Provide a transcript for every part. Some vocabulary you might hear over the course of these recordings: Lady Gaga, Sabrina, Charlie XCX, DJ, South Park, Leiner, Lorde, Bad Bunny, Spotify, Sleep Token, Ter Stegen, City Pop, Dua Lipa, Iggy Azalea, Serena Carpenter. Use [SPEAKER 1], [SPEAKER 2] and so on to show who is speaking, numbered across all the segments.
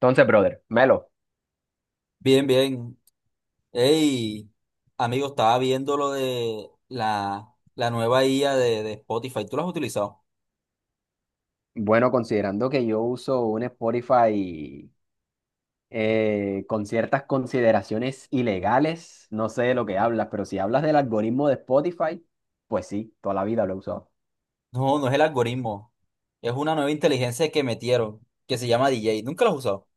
[SPEAKER 1] Entonces, brother, Melo.
[SPEAKER 2] Bien, bien. Hey, amigo, estaba viendo lo de la nueva IA de Spotify. ¿Tú la has utilizado?
[SPEAKER 1] Bueno, considerando que yo uso un Spotify con ciertas consideraciones ilegales, no sé de lo que hablas, pero si hablas del algoritmo de Spotify, pues sí, toda la vida lo he usado.
[SPEAKER 2] No, no es el algoritmo. Es una nueva inteligencia que metieron, que se llama DJ. ¿Nunca la has usado? O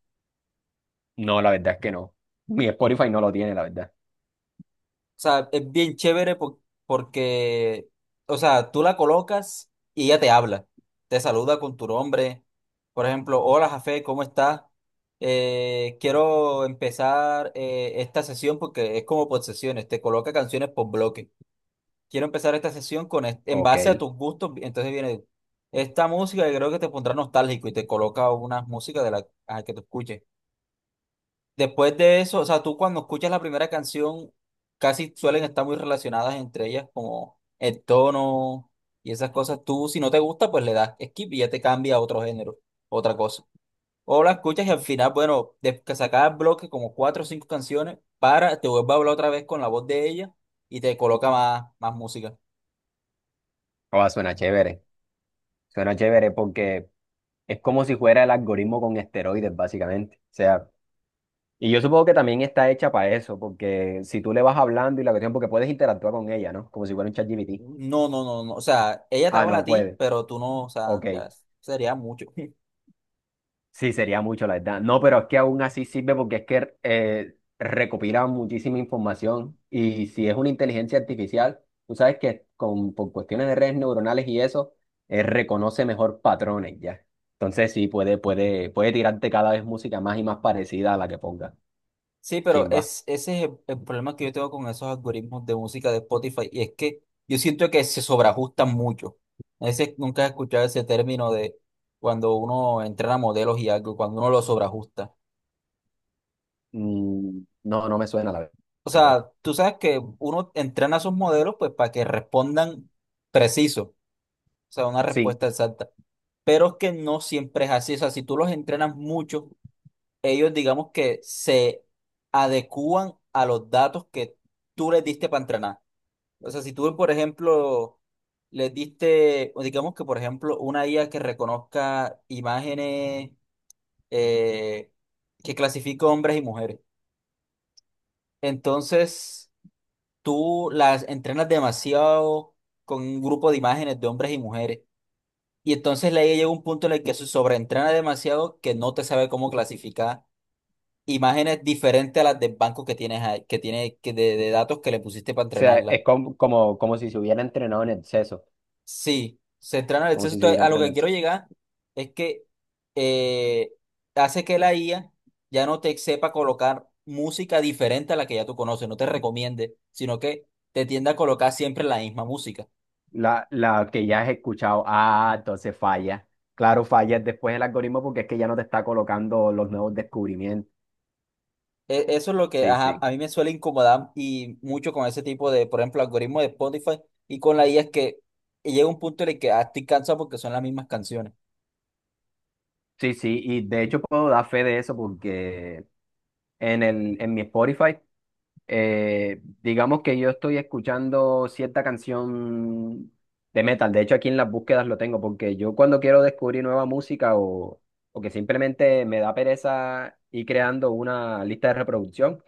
[SPEAKER 1] No, la verdad es que no. Mi Spotify no lo tiene, la verdad.
[SPEAKER 2] sea, es bien porque, o sea, tú la colocas y ella te habla. Te saluda con tu nombre. Por ejemplo, hola, Jafé, ¿cómo estás? Quiero empezar esta sesión porque es como por sesiones. Te coloca canciones por bloque. Quiero empezar esta sesión en
[SPEAKER 1] Ok.
[SPEAKER 2] base a tus gustos, entonces viene esta música que creo que te pondrá nostálgico y te coloca una música de la a que tú escuches. Después de eso, o sea, tú cuando escuchas la primera canción, casi suelen estar muy relacionadas entre ellas, como el tono y esas cosas. Tú, si no te gusta, pues le das skip y ya te cambia a otro género, otra cosa. O la escuchas y al final, bueno, de que sacas bloque como cuatro o cinco canciones, para, te vuelve a hablar otra vez con la voz de ella y te coloca más, más música.
[SPEAKER 1] Oh, suena chévere. Suena chévere porque es como si fuera el algoritmo con esteroides, básicamente. O sea, y yo supongo que también está hecha para eso, porque si tú le vas hablando y la cuestión, porque puedes interactuar con ella, ¿no? Como si fuera un ChatGPT.
[SPEAKER 2] No, no, no, no. O sea, ella te
[SPEAKER 1] Ah,
[SPEAKER 2] habla a
[SPEAKER 1] no
[SPEAKER 2] ti,
[SPEAKER 1] puede.
[SPEAKER 2] pero tú no, o sea,
[SPEAKER 1] Ok.
[SPEAKER 2] ya sería mucho.
[SPEAKER 1] Sí, sería mucho, la verdad. No, pero es que aún así sirve porque es que recopila muchísima información y si es una inteligencia artificial, tú sabes que por cuestiones de redes neuronales y eso, reconoce mejor patrones ya. Entonces sí, puede tirarte cada vez música más y más parecida a la que ponga.
[SPEAKER 2] Sí, pero
[SPEAKER 1] Chimba.
[SPEAKER 2] es, ese es el problema que yo tengo con esos algoritmos de música de Spotify. Y es que yo siento que se sobreajustan mucho. A veces nunca he escuchado ese término de cuando uno entrena modelos y algo, cuando uno los sobreajusta.
[SPEAKER 1] No, no me suena, la
[SPEAKER 2] O
[SPEAKER 1] verdad.
[SPEAKER 2] sea, tú sabes que uno entrena a sus modelos pues para que respondan preciso, o sea, una
[SPEAKER 1] Sí,
[SPEAKER 2] respuesta exacta. Pero es que no siempre es así. O sea, si tú los entrenas mucho ellos digamos que se adecúan a los datos que tú les diste para entrenar. O sea, si tú, por ejemplo, les diste, o digamos que, por ejemplo, una IA que reconozca imágenes, eh, que clasifica hombres y mujeres, entonces tú las entrenas demasiado con un grupo de imágenes de hombres y mujeres. Y entonces la IA llega a un punto en el que se sobreentrena demasiado que no te sabe cómo clasificar imágenes diferentes a las del banco que que tiene que de datos que le pusiste para
[SPEAKER 1] o sea,
[SPEAKER 2] entrenarla.
[SPEAKER 1] es como si se hubiera entrenado en exceso,
[SPEAKER 2] Sí, se entrena el
[SPEAKER 1] como
[SPEAKER 2] exceso.
[SPEAKER 1] si se
[SPEAKER 2] Entonces,
[SPEAKER 1] hubiera
[SPEAKER 2] a lo
[SPEAKER 1] entrenado
[SPEAKER 2] que
[SPEAKER 1] en
[SPEAKER 2] quiero
[SPEAKER 1] exceso.
[SPEAKER 2] llegar es que eh, hace que la IA ya no te sepa colocar música diferente a la que ya tú conoces, no te recomiende, sino que te tiende a colocar siempre la misma música.
[SPEAKER 1] La que ya has escuchado, ah, entonces falla. Claro, falla después el algoritmo porque es que ya no te está colocando los nuevos descubrimientos.
[SPEAKER 2] Eso es lo que
[SPEAKER 1] Sí,
[SPEAKER 2] ajá,
[SPEAKER 1] sí.
[SPEAKER 2] a mí me suele incomodar y mucho con ese tipo de, por ejemplo, algoritmo de Spotify y con la IA es que llega un punto en el que ah, estoy cansado porque son las mismas canciones.
[SPEAKER 1] Sí, sí, y de hecho puedo dar fe de eso porque en mi Spotify. Digamos que yo estoy escuchando cierta canción de metal. De hecho, aquí en las búsquedas lo tengo, porque yo cuando quiero descubrir nueva música o que simplemente me da pereza ir creando una lista de reproducción,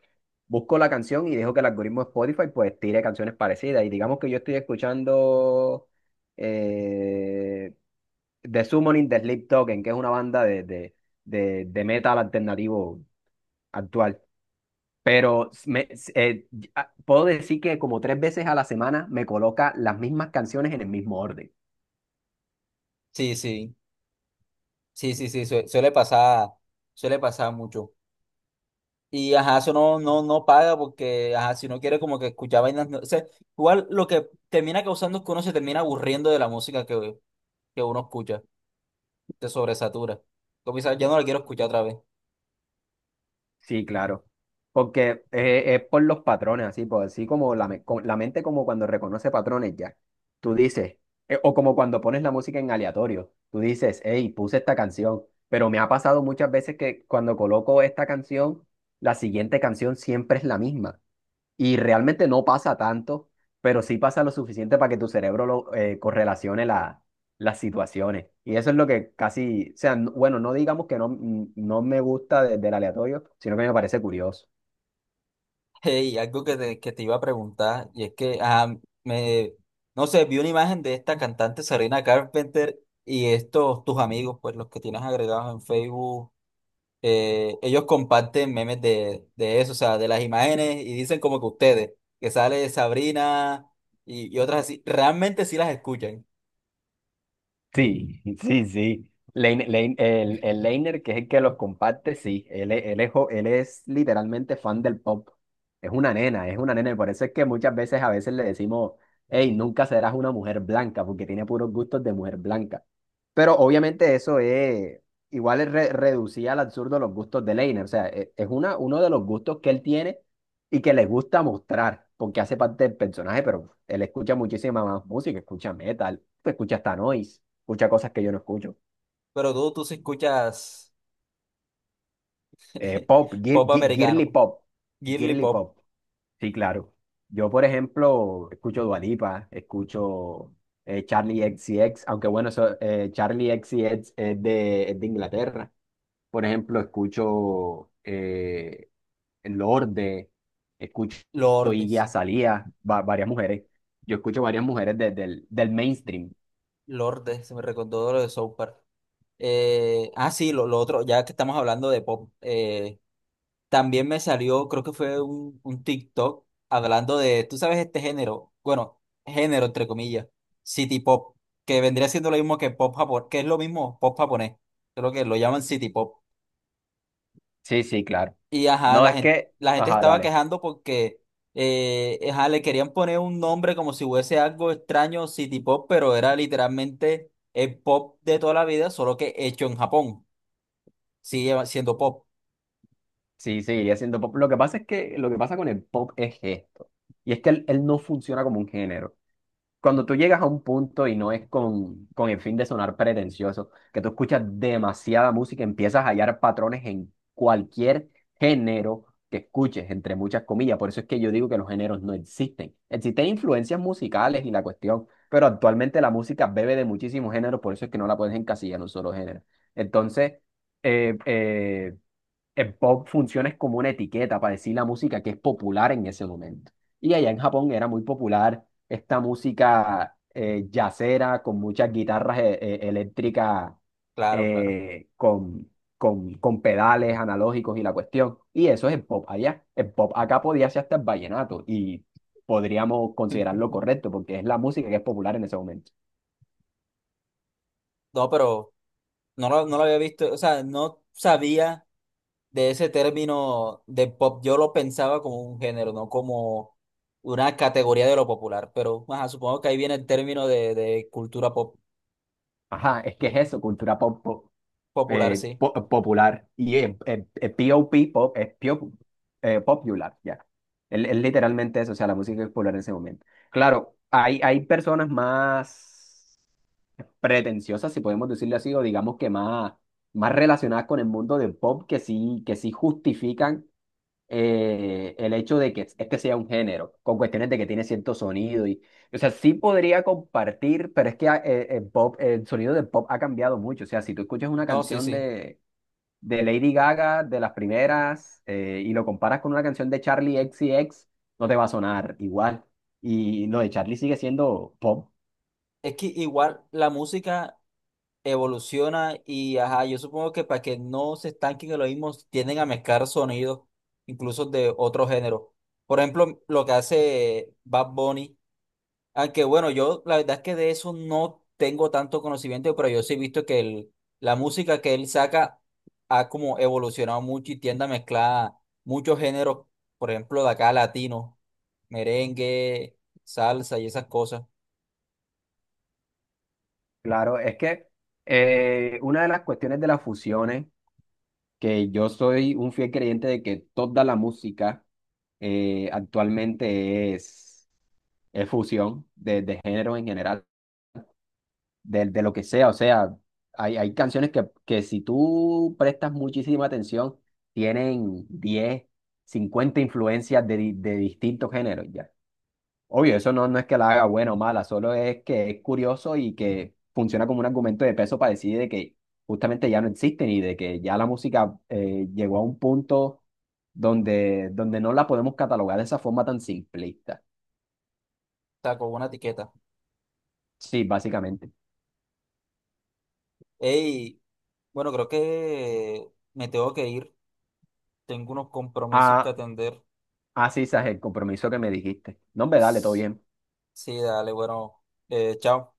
[SPEAKER 1] busco la canción y dejo que el algoritmo de Spotify pues tire canciones parecidas. Y digamos que yo estoy escuchando eh, The Summoning de Sleep Token, que es una banda de metal alternativo actual. Pero eh, puedo decir que como tres veces a la semana me coloca las mismas canciones en el mismo orden.
[SPEAKER 2] Sí, sí. Sí, sí, sí, suele pasar mucho. Y ajá, eso no paga porque, ajá, si no quiere como que escuchar vainas, o sea, igual lo que termina causando es que uno se termina aburriendo de la música que uno escucha, te sobresatura. Como dices, ya no la quiero escuchar otra vez.
[SPEAKER 1] Sí, claro. Porque es por los patrones, así, pues así como la mente como cuando reconoce patrones ya. Tú dices, o como cuando pones la música en aleatorio, tú dices, hey, puse esta canción. Pero me ha pasado muchas veces que cuando coloco esta canción, la siguiente canción siempre es la misma. Y realmente no pasa tanto, pero sí pasa lo suficiente para que tu cerebro correlacione las situaciones. Y eso es lo que casi, o sea, bueno, no digamos que no, no me gusta del aleatorio, sino que me parece curioso.
[SPEAKER 2] Y algo que que te iba a preguntar, y es que, me, no sé, vi una imagen de esta cantante Serena Carpenter y estos, tus amigos, pues los que tienes agregados en Facebook, ellos comparten memes de eso, o sea, de las imágenes y dicen como que ustedes, que sale Sabrina y otras así, realmente sí las escuchan,
[SPEAKER 1] Sí, sí, sí. El Leiner, que es el que los comparte, sí. Él es literalmente fan del pop. Es una nena, es una nena. Y por eso es que muchas veces a veces le decimos, hey, nunca serás una mujer blanca, porque tiene puros gustos de mujer blanca. Pero obviamente eso es, igual es reducía al absurdo los gustos de Leiner. O sea, e- es uno de los gustos que él tiene y que le gusta mostrar, porque hace parte del personaje, pero él escucha muchísima más música, escucha metal, escucha hasta noise escucha cosas que yo no escucho.
[SPEAKER 2] pero tú sí escuchas
[SPEAKER 1] Pop,
[SPEAKER 2] pop
[SPEAKER 1] girly
[SPEAKER 2] americano,
[SPEAKER 1] pop,
[SPEAKER 2] girly
[SPEAKER 1] girly
[SPEAKER 2] pop,
[SPEAKER 1] pop, sí, claro. Yo, por ejemplo, escucho Dua Lipa, escucho Charlie x C X, aunque bueno, eso, Charlie x C X es de Inglaterra. Por ejemplo, escucho Lorde, escucho
[SPEAKER 2] Lorde,
[SPEAKER 1] Iggy
[SPEAKER 2] sí,
[SPEAKER 1] Azalea, varias mujeres. Yo escucho varias mujeres del mainstream.
[SPEAKER 2] Lorde, se me recordó lo de South Park. Sí, lo otro, ya que estamos hablando de pop, también me salió, creo que fue un TikTok hablando de, tú sabes, este género, bueno, género entre comillas, City Pop, que vendría siendo lo mismo que pop japonés, que es lo mismo pop japonés, creo que lo llaman City Pop.
[SPEAKER 1] Sí, sí, claro.
[SPEAKER 2] Y ajá,
[SPEAKER 1] No, es que,
[SPEAKER 2] la gente
[SPEAKER 1] ajá,
[SPEAKER 2] estaba
[SPEAKER 1] dale.
[SPEAKER 2] quejando porque ajá, le querían poner un nombre como si fuese algo extraño, City Pop, pero era literalmente el pop de toda la vida, solo que hecho en Japón. Sigue siendo pop,
[SPEAKER 1] Sí, seguiría siendo pop. Lo que pasa es que lo que pasa con el pop es esto. Y es que él no funciona como un género. Cuando tú llegas a un punto y no es con el fin de sonar pretencioso, que tú escuchas demasiada música, empiezas a hallar patrones en cualquier género que escuches, entre muchas comillas. Por eso es que yo digo que los géneros no existen. Existen influencias musicales y la cuestión, pero actualmente la música bebe de muchísimos géneros, por eso es que no la puedes encasillar en un solo género. Entonces, eh, eh, el pop funciona es como una etiqueta para decir la música que es popular en ese momento. Y allá en Japón era muy popular esta música jazzera con muchas guitarras eléctricas
[SPEAKER 2] claro, claro.
[SPEAKER 1] eh, con, con pedales analógicos y la cuestión. Y eso es el pop allá. El pop acá podía ser hasta el vallenato y podríamos considerarlo correcto porque es la música que es popular en ese momento.
[SPEAKER 2] No, pero no lo había visto, o sea, no sabía de ese término de pop. Yo lo pensaba como un género, no como una categoría de lo popular, pero ajá, supongo que ahí viene el término de cultura
[SPEAKER 1] Ajá, es que es eso, cultura pop,
[SPEAKER 2] popular, sí.
[SPEAKER 1] popular. Y pop, pop, es popular, ya. Es literalmente eso, o sea, la música es popular en ese momento. Claro, hay personas más pretenciosas, si podemos decirle así, o digamos que más, más relacionadas con el mundo del pop, que sí justifican el hecho de que este sea un género, con cuestiones de que tiene cierto sonido y. O sea, sí podría compartir, pero es que ah, el pop, el sonido del pop ha cambiado mucho. O sea, si tú escuchas una
[SPEAKER 2] No, sí,
[SPEAKER 1] canción
[SPEAKER 2] sí.
[SPEAKER 1] de Lady Gaga, de las primeras, y lo comparas con una canción de Charlie X C X no te va a sonar igual. Y lo de Charlie sigue siendo pop.
[SPEAKER 2] Es que igual la música evoluciona y ajá, yo supongo que para que no se estanquen en lo mismo, tienden a mezclar sonidos, incluso de otro género. Por ejemplo, lo que hace Bad Bunny. Aunque bueno, yo la verdad es que de eso no tengo tanto conocimiento, pero yo sí he visto que la música que él saca ha como evolucionado mucho y tiende a mezclar muchos géneros, por ejemplo, de acá latino, merengue, salsa y esas cosas.
[SPEAKER 1] Claro, es que una de las cuestiones de las fusiones, que yo soy un fiel creyente de que toda la música actualmente es fusión de géneros en general. De lo que sea. O sea, hay canciones que si tú prestas muchísima atención, tienen 10 50 influencias de distintos géneros ya. Obvio, eso no, no es que la haga buena o mala, solo es que es curioso y que funciona como un argumento de peso para decir de que justamente ya no existen y de que ya la música llegó a un punto donde no la podemos catalogar de esa forma tan simplista.
[SPEAKER 2] Está con una etiqueta.
[SPEAKER 1] Sí, básicamente.
[SPEAKER 2] Ey, bueno, creo que me tengo que ir. Tengo unos compromisos que
[SPEAKER 1] Ah,
[SPEAKER 2] atender.
[SPEAKER 1] ah, sí, Saje, el compromiso que me dijiste. No, hombre, dale, todo bien.
[SPEAKER 2] Sí, dale, bueno, chao.